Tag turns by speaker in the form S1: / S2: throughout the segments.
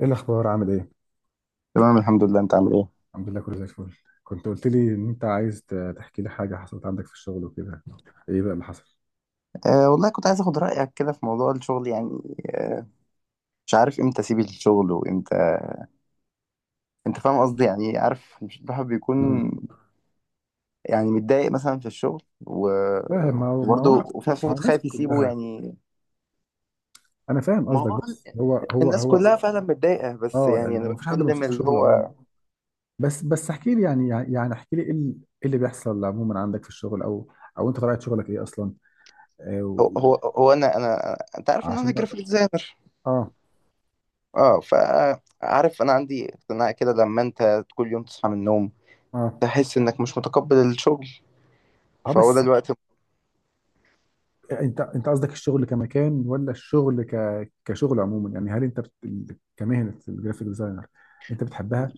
S1: ايه الاخبار؟ عامل ايه؟
S2: تمام، الحمد لله. انت عامل ايه؟
S1: الحمد لله، كله زي الفل. كنت قلت لي ان انت عايز تحكي لي حاجه حصلت عندك في الشغل وكده. ايه بقى اللي حصل؟
S2: أه، والله كنت عايز اخد رايك كده في موضوع الشغل يعني. أه. مش عارف امتى اسيب الشغل وامتى. انت فاهم قصدي؟ يعني عارف، مش الواحد
S1: مم.
S2: بيكون يعني متضايق مثلا في الشغل
S1: لا، ما هو ما هو ما
S2: وبرضه وفي نفس
S1: هو
S2: الوقت
S1: الناس
S2: خايف يسيبه
S1: كلها.
S2: يعني.
S1: انا فاهم
S2: ما
S1: قصدك،
S2: هو
S1: بص، هو هو
S2: الناس
S1: هو
S2: كلها فعلا متضايقه، بس
S1: اه،
S2: يعني
S1: يعني
S2: انا
S1: هو مفيش حد
S2: بتكلم
S1: مبسوط في
S2: اللي
S1: شغله عموما.
S2: هو
S1: بس احكي لي، يعني احكي لي ايه إيه اللي بيحصل عموما عندك في الشغل، او او انت طبيعه شغلك ايه اصلا؟ آه، و-
S2: انا انت عارف ان انا
S1: عشان اه.
S2: جرافيك ديزاينر.
S1: اه.
S2: اه، فعارف انا عندي اقتناع كده، لما انت كل يوم تصحى من النوم تحس انك مش متقبل الشغل،
S1: اه
S2: فهو ده
S1: بس،
S2: الوقت.
S1: انت قصدك الشغل كمكان، ولا الشغل كشغل عموما؟ يعني هل كمهنه الجرافيك ديزاينر انت بتحبها،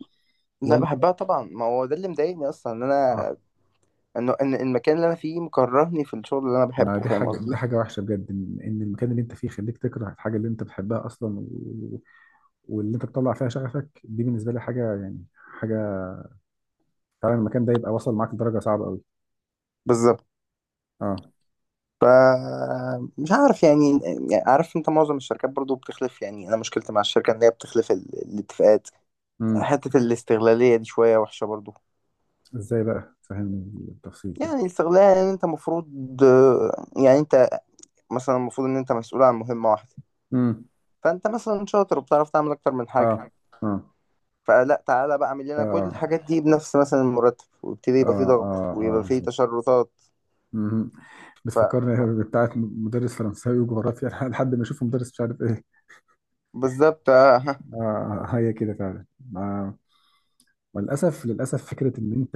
S2: لا،
S1: ولا؟
S2: بحبها طبعا، ما هو ده اللي مضايقني اصلا، ان
S1: اه.
S2: انا انه ان إن المكان اللي انا فيه مكرهني في الشغل اللي انا
S1: ما
S2: بحبه.
S1: دي
S2: فاهم
S1: حاجه، دي
S2: قصدي؟
S1: حاجه وحشه بجد، ان إن المكان اللي انت فيه يخليك تكره الحاجه اللي انت بتحبها اصلا واللي انت بتطلع فيها شغفك. دي بالنسبه لي حاجه، يعني حاجه. فعلا المكان ده يبقى وصل معاك لدرجه صعبه قوي.
S2: بالظبط.
S1: اه.
S2: ف مش عارف يعني. يعني عارف انت، معظم الشركات برضو بتخلف. يعني انا مشكلتي مع الشركه ان هي بتخلف الاتفاقات.
S1: امم.
S2: حته الاستغلاليه دي شويه وحشه برضو.
S1: ازاي بقى؟ فهمني بالتفصيل
S2: يعني
S1: كده.
S2: الاستغلال، يعني انت المفروض، يعني انت، مثلا المفروض ان انت مسؤول عن مهمه واحده،
S1: امم.
S2: فانت مثلا شاطر وبتعرف تعمل اكتر من حاجه،
S1: اه. اه.
S2: فلا، تعالى بقى اعمل لنا كل
S1: اه.
S2: الحاجات دي بنفس مثلا المرتب، ويبتدي
S1: اه.
S2: يبقى فيه ضغط
S1: آه.
S2: ويبقى فيه
S1: بالظبط.
S2: تشرطات.
S1: مهم.
S2: ف... ف...
S1: بتفكرني بتاعت مدرس فرنساوي وجغرافيا لحد ما اشوف مدرس مش عارف ايه.
S2: بالظبط آه، ها.
S1: آه، هي كده فعلا. آه. وللاسف للاسف، فكره ان انت،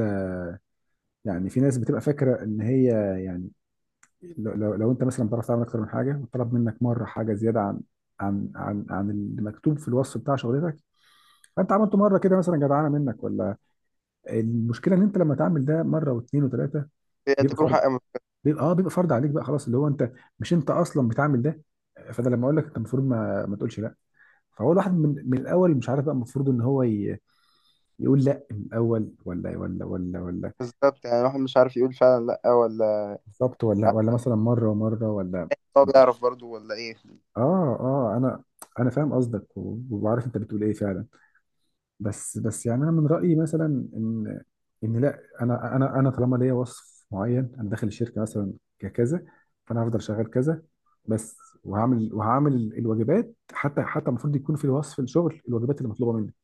S1: يعني في ناس بتبقى فاكره ان هي، يعني لو انت مثلا بتعرف تعمل اكتر من حاجه، وطلب منك مره حاجه زياده عن عن اللي مكتوب في الوصف بتاع شغلتك، فانت عملته مره كده، مثلا جدعانه منك ولا. المشكله ان انت لما تعمل ده مره واثنين وثلاثه،
S2: هي
S1: بيبقى
S2: تجربة.
S1: بيبقى اه، بيبقى فرض عليك بقى، خلاص اللي هو انت مش انت اصلا بتعمل ده. فانا لما اقول لك انت المفروض ما تقولش لا. فهو الواحد من الاول مش عارف بقى المفروض ان هو يقول لا من الاول، ولا.
S2: بالظبط، يعني الواحد مش عارف يقول فعلا لا ولا
S1: بالظبط. ولا ولا مثلا مره ومره، ولا.
S2: هو بيعرف برضو ولا ايه.
S1: اه. انا، انا فاهم قصدك، وبعرف انت بتقول ايه فعلا. بس يعني انا من رايي مثلا ان ان لا، انا طالما ليا وصف معين، انا داخل الشركه مثلا ككذا، فانا هفضل شغال كذا بس. وهعمل وهعمل الواجبات، حتى حتى المفروض يكون في وصف الشغل الواجبات اللي مطلوبه منك.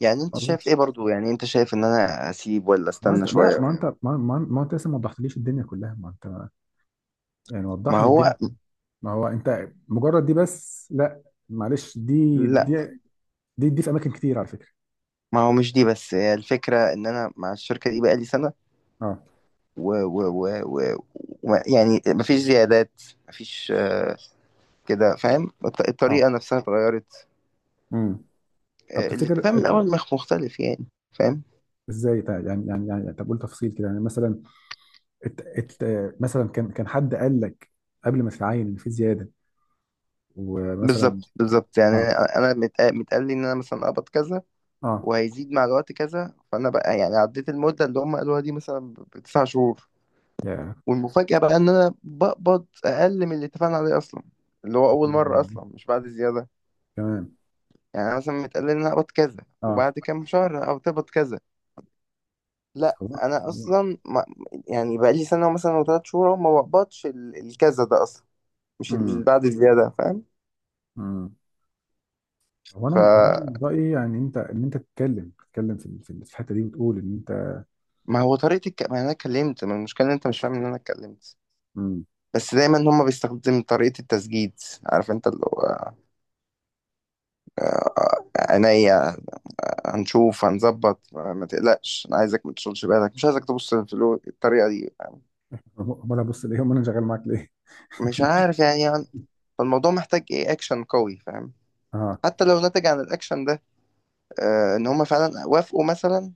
S2: يعني انت شايف
S1: قصدي،
S2: ايه برضو؟ يعني انت شايف ان انا اسيب ولا
S1: ما انت
S2: استنى
S1: لا،
S2: شوية
S1: ما
S2: ولا؟
S1: انت ما انت لسه ما وضحتليش الدنيا كلها. ما انت يعني وضح
S2: ما
S1: لي
S2: هو
S1: الدنيا. ما هو انت مجرد دي بس، لا. معلش، دي
S2: لا،
S1: دي دي, دي في اماكن كتير على فكره.
S2: ما هو مش دي بس، هي الفكرة ان انا مع الشركة دي بقالي سنة
S1: اه.
S2: و... و... و... و... يعني مفيش زيادات، مفيش. كده، فاهم؟
S1: اه.
S2: الطريقة نفسها اتغيرت.
S1: امم. طب تفتكر
S2: الاتفاق من الاول مختلف يعني. فاهم؟
S1: ازاي يعني، طب قول تفصيل كده، يعني مثلا ات ات مثلا كان حد قال لك قبل ما تتعين ان في زياده، ومثلا
S2: بالظبط بالظبط، يعني
S1: اه.
S2: انا متقال لي ان انا مثلا اقبض كذا
S1: اه.
S2: وهيزيد مع الوقت كذا، فانا بقى يعني عديت المده اللي هم قالوها دي مثلا بتسع شهور،
S1: يا.
S2: والمفاجاه بقى ان انا بقبض اقل من اللي اتفقنا عليه اصلا، اللي هو اول مره اصلا، مش بعد زياده.
S1: تمام.
S2: يعني أنا مثلا متقال لي ان انا اقبض كذا
S1: اه.
S2: وبعد كام شهر او تقبض كذا، لا
S1: هو.
S2: انا اصلا ما، يعني بقى لي سنه مثلا او ثلاث شهور أهو، ما بقبضش الكذا ده اصلا، مش اللي
S1: امم.
S2: بعد زياده.
S1: امم. هو انا هو أنا من
S2: فاهم؟
S1: رايي يعني انت، ان انت تتكلم، تتكلم في في الحته دي، وتقول ان انت.
S2: ما هو طريقة ما انا اتكلمت، ما المشكلة ان انت مش فاهم ان انا اتكلمت،
S1: امم.
S2: بس دايما هما بيستخدم طريقة التسجيل. عارف انت اللي هو عينيا، هنشوف هنظبط، ما تقلقش، انا عايزك ما تشغلش بالك، مش عايزك تبص في الطريقة دي.
S1: امال أنا بص ليه؟ امال انا شغال معاك ليه؟
S2: مش عارف يعني. فالموضوع محتاج ايه؟ اكشن قوي. فاهم؟
S1: اه.
S2: حتى لو نتج عن الاكشن ده ان هما فعلا وافقوا مثلا،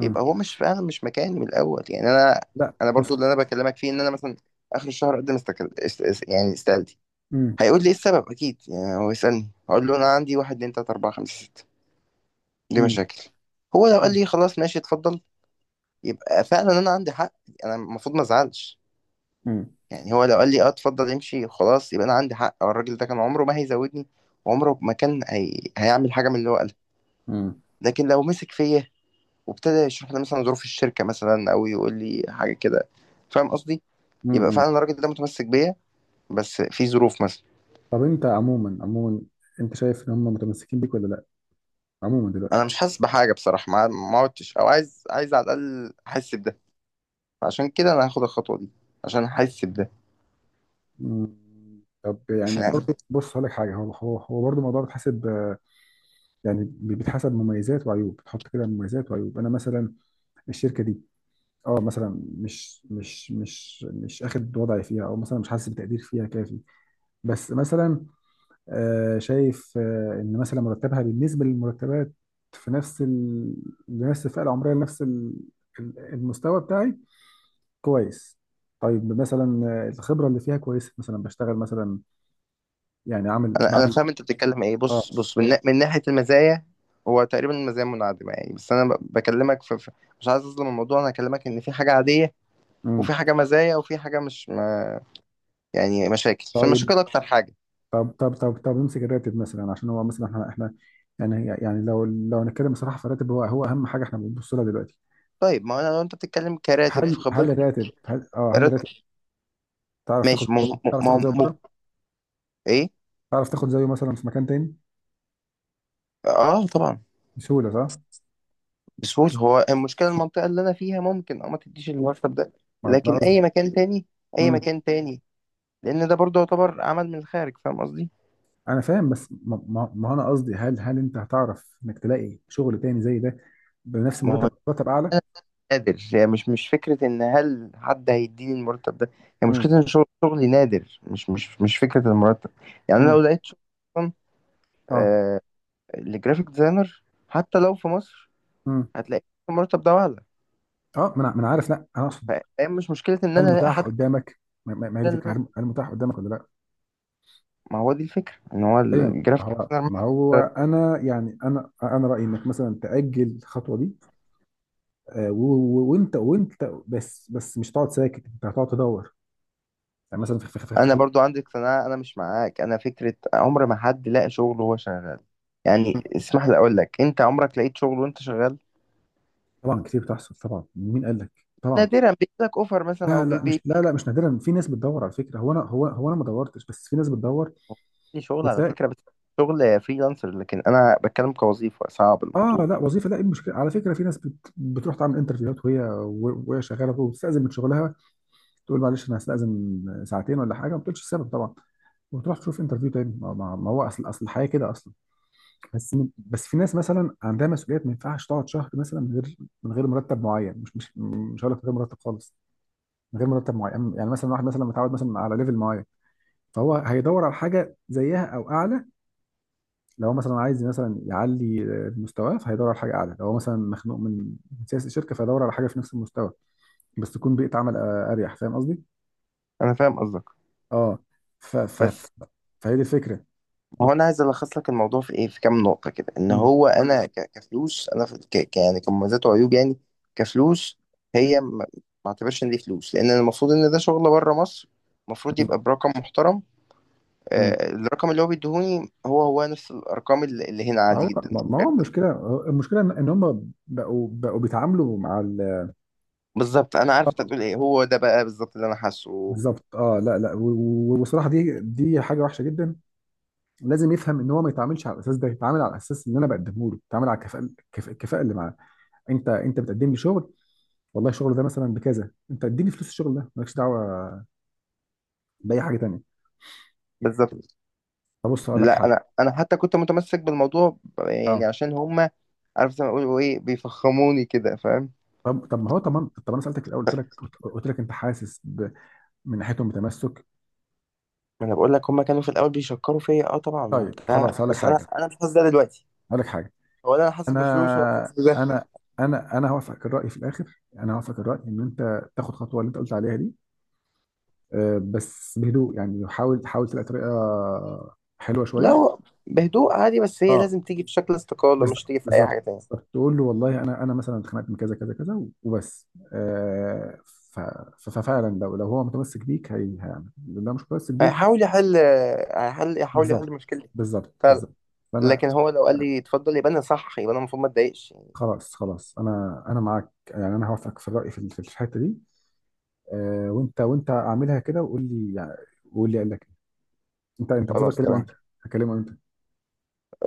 S2: يبقى هو مش فعلا، مش مكاني من الاول يعني. انا،
S1: لا
S2: انا
S1: بص.
S2: برضو اللي انا بكلمك فيه، ان انا مثلا اخر الشهر اقدم يعني استقالتي.
S1: امم.
S2: هيقول لي ايه السبب اكيد، يعني هو يسالني هقول له انا عندي واحد اتنين تلاته اربعه خمسه سته، دي
S1: امم.
S2: مشاكل. هو لو قال لي خلاص ماشي اتفضل، يبقى فعلا انا عندي حق، انا المفروض ما ازعلش.
S1: امم.
S2: يعني هو لو قال لي اه اتفضل امشي خلاص، يبقى انا عندي حق، أو الراجل ده كان عمره ما هيزودني وعمره ما كان هيعمل حاجه من اللي هو قالها. لكن لو مسك فيا وابتدى يشرح لي مثلا ظروف الشركه مثلا او يقول لي حاجه كده، فاهم قصدي، يبقى
S1: امم.
S2: فعلا الراجل ده متمسك بيا، بس في ظروف مثلا.
S1: طب انت عموما، عموما انت شايف ان هم متمسكين بيك ولا لا؟ عموما
S2: انا
S1: دلوقتي.
S2: مش حاسس بحاجه بصراحه، ما عدتش، او عايز على الاقل احس بده، عشان كده انا هاخد الخطوه دي، عشان احس بده.
S1: مم. طب يعني
S2: فاهم؟
S1: برضه بص هقول لك حاجه، هو برضه الموضوع بيتحسب آه، يعني بيتحسب مميزات وعيوب، بتحط كده مميزات وعيوب. انا مثلا الشركه دي، اه مثلا مش اخد وضعي فيها، او مثلا مش حاسس بتقدير فيها كافي. بس مثلا آه، شايف آه، ان مثلا مرتبها بالنسبه للمرتبات في نفس لنفس الفئه العمريه، لنفس المستوى بتاعي، كويس. طيب مثلا آه، الخبرة اللي فيها كويسة، مثلا بشتغل مثلا يعني عامل
S2: انا
S1: بعمل.
S2: فاهم انت بتتكلم ايه.
S1: اه.
S2: بص بص، من ناحيه المزايا، هو تقريبا المزايا منعدمه يعني، بس انا بكلمك مش عايز اظلم الموضوع. انا هكلمك ان في حاجه عاديه
S1: امم.
S2: وفي حاجه مزايا وفي حاجه مش ما، يعني مشاكل، فالمشاكل
S1: طيب.
S2: اكتر حاجه.
S1: طب نمسك الراتب مثلا، عشان هو مثلا احنا يعني يعني لو هنتكلم بصراحة، فالراتب هو أهم حاجة احنا بنبص لها دلوقتي.
S2: طيب، ما انا لو انت بتتكلم كراتب في
S1: هل هل
S2: خبرتي،
S1: الراتب هل اه هل
S2: راتب
S1: الراتب تعرف تاخد،
S2: ماشي.
S1: تعرف تاخد زيه بره؟
S2: ايه.
S1: تعرف تاخد زيه مثلا في مكان تاني
S2: اه طبعا.
S1: بسهولة، صح؟
S2: بسهولة. هو المشكلة المنطقة اللي أنا فيها ممكن ما تديش المرتب ده،
S1: ما ده
S2: لكن
S1: قصدي.
S2: أي مكان تاني، أي
S1: امم.
S2: مكان تاني، لأن ده برضه يعتبر عمل من الخارج. فاهم قصدي؟
S1: أنا فاهم، بس ما أنا قصدي هل أنت هتعرف إنك تلاقي شغل تاني زي ده بنفس
S2: ما
S1: مرتب
S2: هو
S1: مرتب أعلى؟
S2: أنا نادر، يعني مش فكرة إن هل حد هيديني المرتب ده، هي يعني مشكلة إن شغلي نادر، مش فكرة المرتب. يعني أنا لو
S1: مم.
S2: لقيت شغل أصلا
S1: اه.
S2: آه لجرافيك ديزاينر، حتى لو في مصر،
S1: مم.
S2: هتلاقي المرتب ده أعلى.
S1: اه، ما أنا عارف. لا انا
S2: ف-
S1: اقصد
S2: فهي مش مشكلة إن
S1: هل
S2: أنا ألاقي
S1: متاح
S2: حد،
S1: قدامك. ما هي دي
S2: إن
S1: الفكره،
S2: أنا،
S1: هل متاح قدامك ولا لا؟
S2: ما هو دي الفكرة، إن هو
S1: ايوه. ما
S2: الجرافيك
S1: هو
S2: ديزاينر.
S1: ما هو انا يعني انا رايي انك مثلا تاجل الخطوه دي، آه، و- وانت بس مش هتقعد ساكت، انت هتقعد تدور يعني مثلا في في في
S2: انا
S1: في-
S2: برضو عندي اقتناع، انا مش معاك. انا فكره عمر ما حد لاقى شغل وهو شغال. يعني اسمح لي اقول لك، انت عمرك لقيت شغل وانت شغال؟
S1: طبعا كتير بتحصل، طبعا مين قال لك؟ طبعا.
S2: نادرا بيجيلك اوفر مثلا او
S1: لا لا مش
S2: بيبي
S1: لا لا مش نادرا، في ناس بتدور على فكره. هو انا، هو انا ما دورتش، بس في ناس بتدور
S2: لي شغل على
S1: وتلاقي.
S2: فكره، بس شغل فريلانسر. لكن انا بتكلم كوظيفه، صعب
S1: اه
S2: الموضوع.
S1: لا، وظيفه، لا. ايه المشكله؟ على فكره في ناس بتروح تعمل انترفيوهات وهي وهي شغاله، وبتستاذن من شغلها، تقول معلش انا هستاذن ساعتين ولا حاجه، ما بتقولش السبب طبعا، وتروح تشوف انترفيو تاني. ما هو اصل الحياه كده اصلا. بس في ناس مثلا عندها مسؤوليات، ما ينفعش تقعد شهر مثلا من غير، من غير مرتب معين. مش هقول لك من غير مرتب خالص، من غير مرتب معين. يعني مثلا واحد مثلا متعود مثلا على ليفل معين، فهو هيدور على حاجه زيها او اعلى. لو مثلا عايز مثلا يعلي مستواه، فهيدور على حاجه اعلى. لو هو مثلا مخنوق من من سياسه الشركه، فهيدور على حاجه في نفس المستوى، بس تكون بيئه عمل آه، اريح. فاهم قصدي؟
S2: انا فاهم قصدك
S1: اه. ف ف ف-
S2: بس،
S1: فهي دي الفكره.
S2: هو انا عايز الخص لك الموضوع في ايه، في كام نقطه كده، ان
S1: مم.
S2: هو انا كفلوس، انا في يعني كمميزات وعيوب يعني. كفلوس، هي ما، ما اعتبرش ان دي فلوس، لان المفروض ان ده شغل بره مصر، المفروض
S1: مم.
S2: يبقى برقم محترم.
S1: مم.
S2: الرقم اللي هو بيديهوني هو نفس الارقام اللي هنا
S1: ما
S2: عادي
S1: هو،
S2: جدا.
S1: ما هو المشكله، المشكله ان إن هم بقوا بيتعاملوا مع
S2: بالظبط، انا عارف انت هتقول ايه، هو ده بقى بالظبط اللي انا حاسه.
S1: بالظبط. اه لا لا، والصراحه دي دي حاجه وحشه جدا. لازم يفهم ان هو ما يتعاملش على الاساس ده، يتعامل على الاساس اللي انا بقدمه له، يتعامل على الكفاءه الكفاءه اللي معاه. انت بتقدم لي شغل، والله الشغل ده مثلا بكذا، انت اديني فلوس الشغل ده، مالكش دعوه باي حاجه تانيه.
S2: بالظبط.
S1: طب بص اقول لك
S2: لا،
S1: حاجه.
S2: انا حتى كنت متمسك بالموضوع، يعني
S1: اه.
S2: عشان هما عارف زي ما بيقولوا ايه، بيفخموني كده. فاهم؟
S1: طب طب ما هو طب ما طب انا سالتك في الاول، قلت لك، قلت لك انت حاسس من ناحيتهم بتمسك؟
S2: ما انا بقول لك هما كانوا في الاول بيشكروا فيا، اه طبعا،
S1: طيب خلاص
S2: وبتاع،
S1: هقول لك
S2: بس انا
S1: حاجه،
S2: انا مش حاسس ده دلوقتي،
S1: هقول لك حاجه.
S2: ولا انا حاسس
S1: انا
S2: بفلوس ولا حاسس بده.
S1: انا انا هوافقك الراي في الاخر، انا هوافقك الراي ان انت تاخد خطوه اللي انت قلت عليها دي، آه، بس بهدوء. يعني حاول حاول تلاقي طريقه حلوه
S2: لا
S1: شويه.
S2: هو بهدوء عادي، بس هي
S1: اه.
S2: لازم تيجي في شكل استقالة،
S1: بس-
S2: مش
S1: بالظبط.
S2: تيجي في اي حاجة
S1: بالظبط.
S2: تانية.
S1: تقول له والله انا، انا مثلا اتخانقت من كذا كذا كذا وبس. آه ففعلا، لو هو متمسك بيك هي هيعمل، لو مش متمسك بيك.
S2: هيحاول يحل، هيحل، يحاول يحل
S1: بالظبط.
S2: مشكلة.
S1: بالظبط. فانا.
S2: لكن هو لو قال لي اتفضل، يبقى انا صح، يبقى انا المفروض ما اتضايقش يعني.
S1: خلاص خلاص، انا معاك. يعني انا هوافقك في الراي في في الحته دي. آه، وانت اعملها كده وقول لي، يعني وقول لي قال لك إيه. انت المفروض
S2: خلاص
S1: اكلمه انت،
S2: تمام.
S1: هكلمه انت؟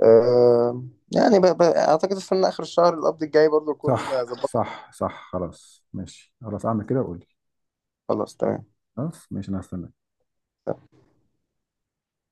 S2: أه. يعني اعتقد استنى اخر الشهر القبض الجاي برضو
S1: صح.
S2: اكون ظبطت.
S1: صح. خلاص ماشي، خلاص اعمل كده وقول لي.
S2: خلاص تمام.
S1: خلاص ماشي، انا هستنى.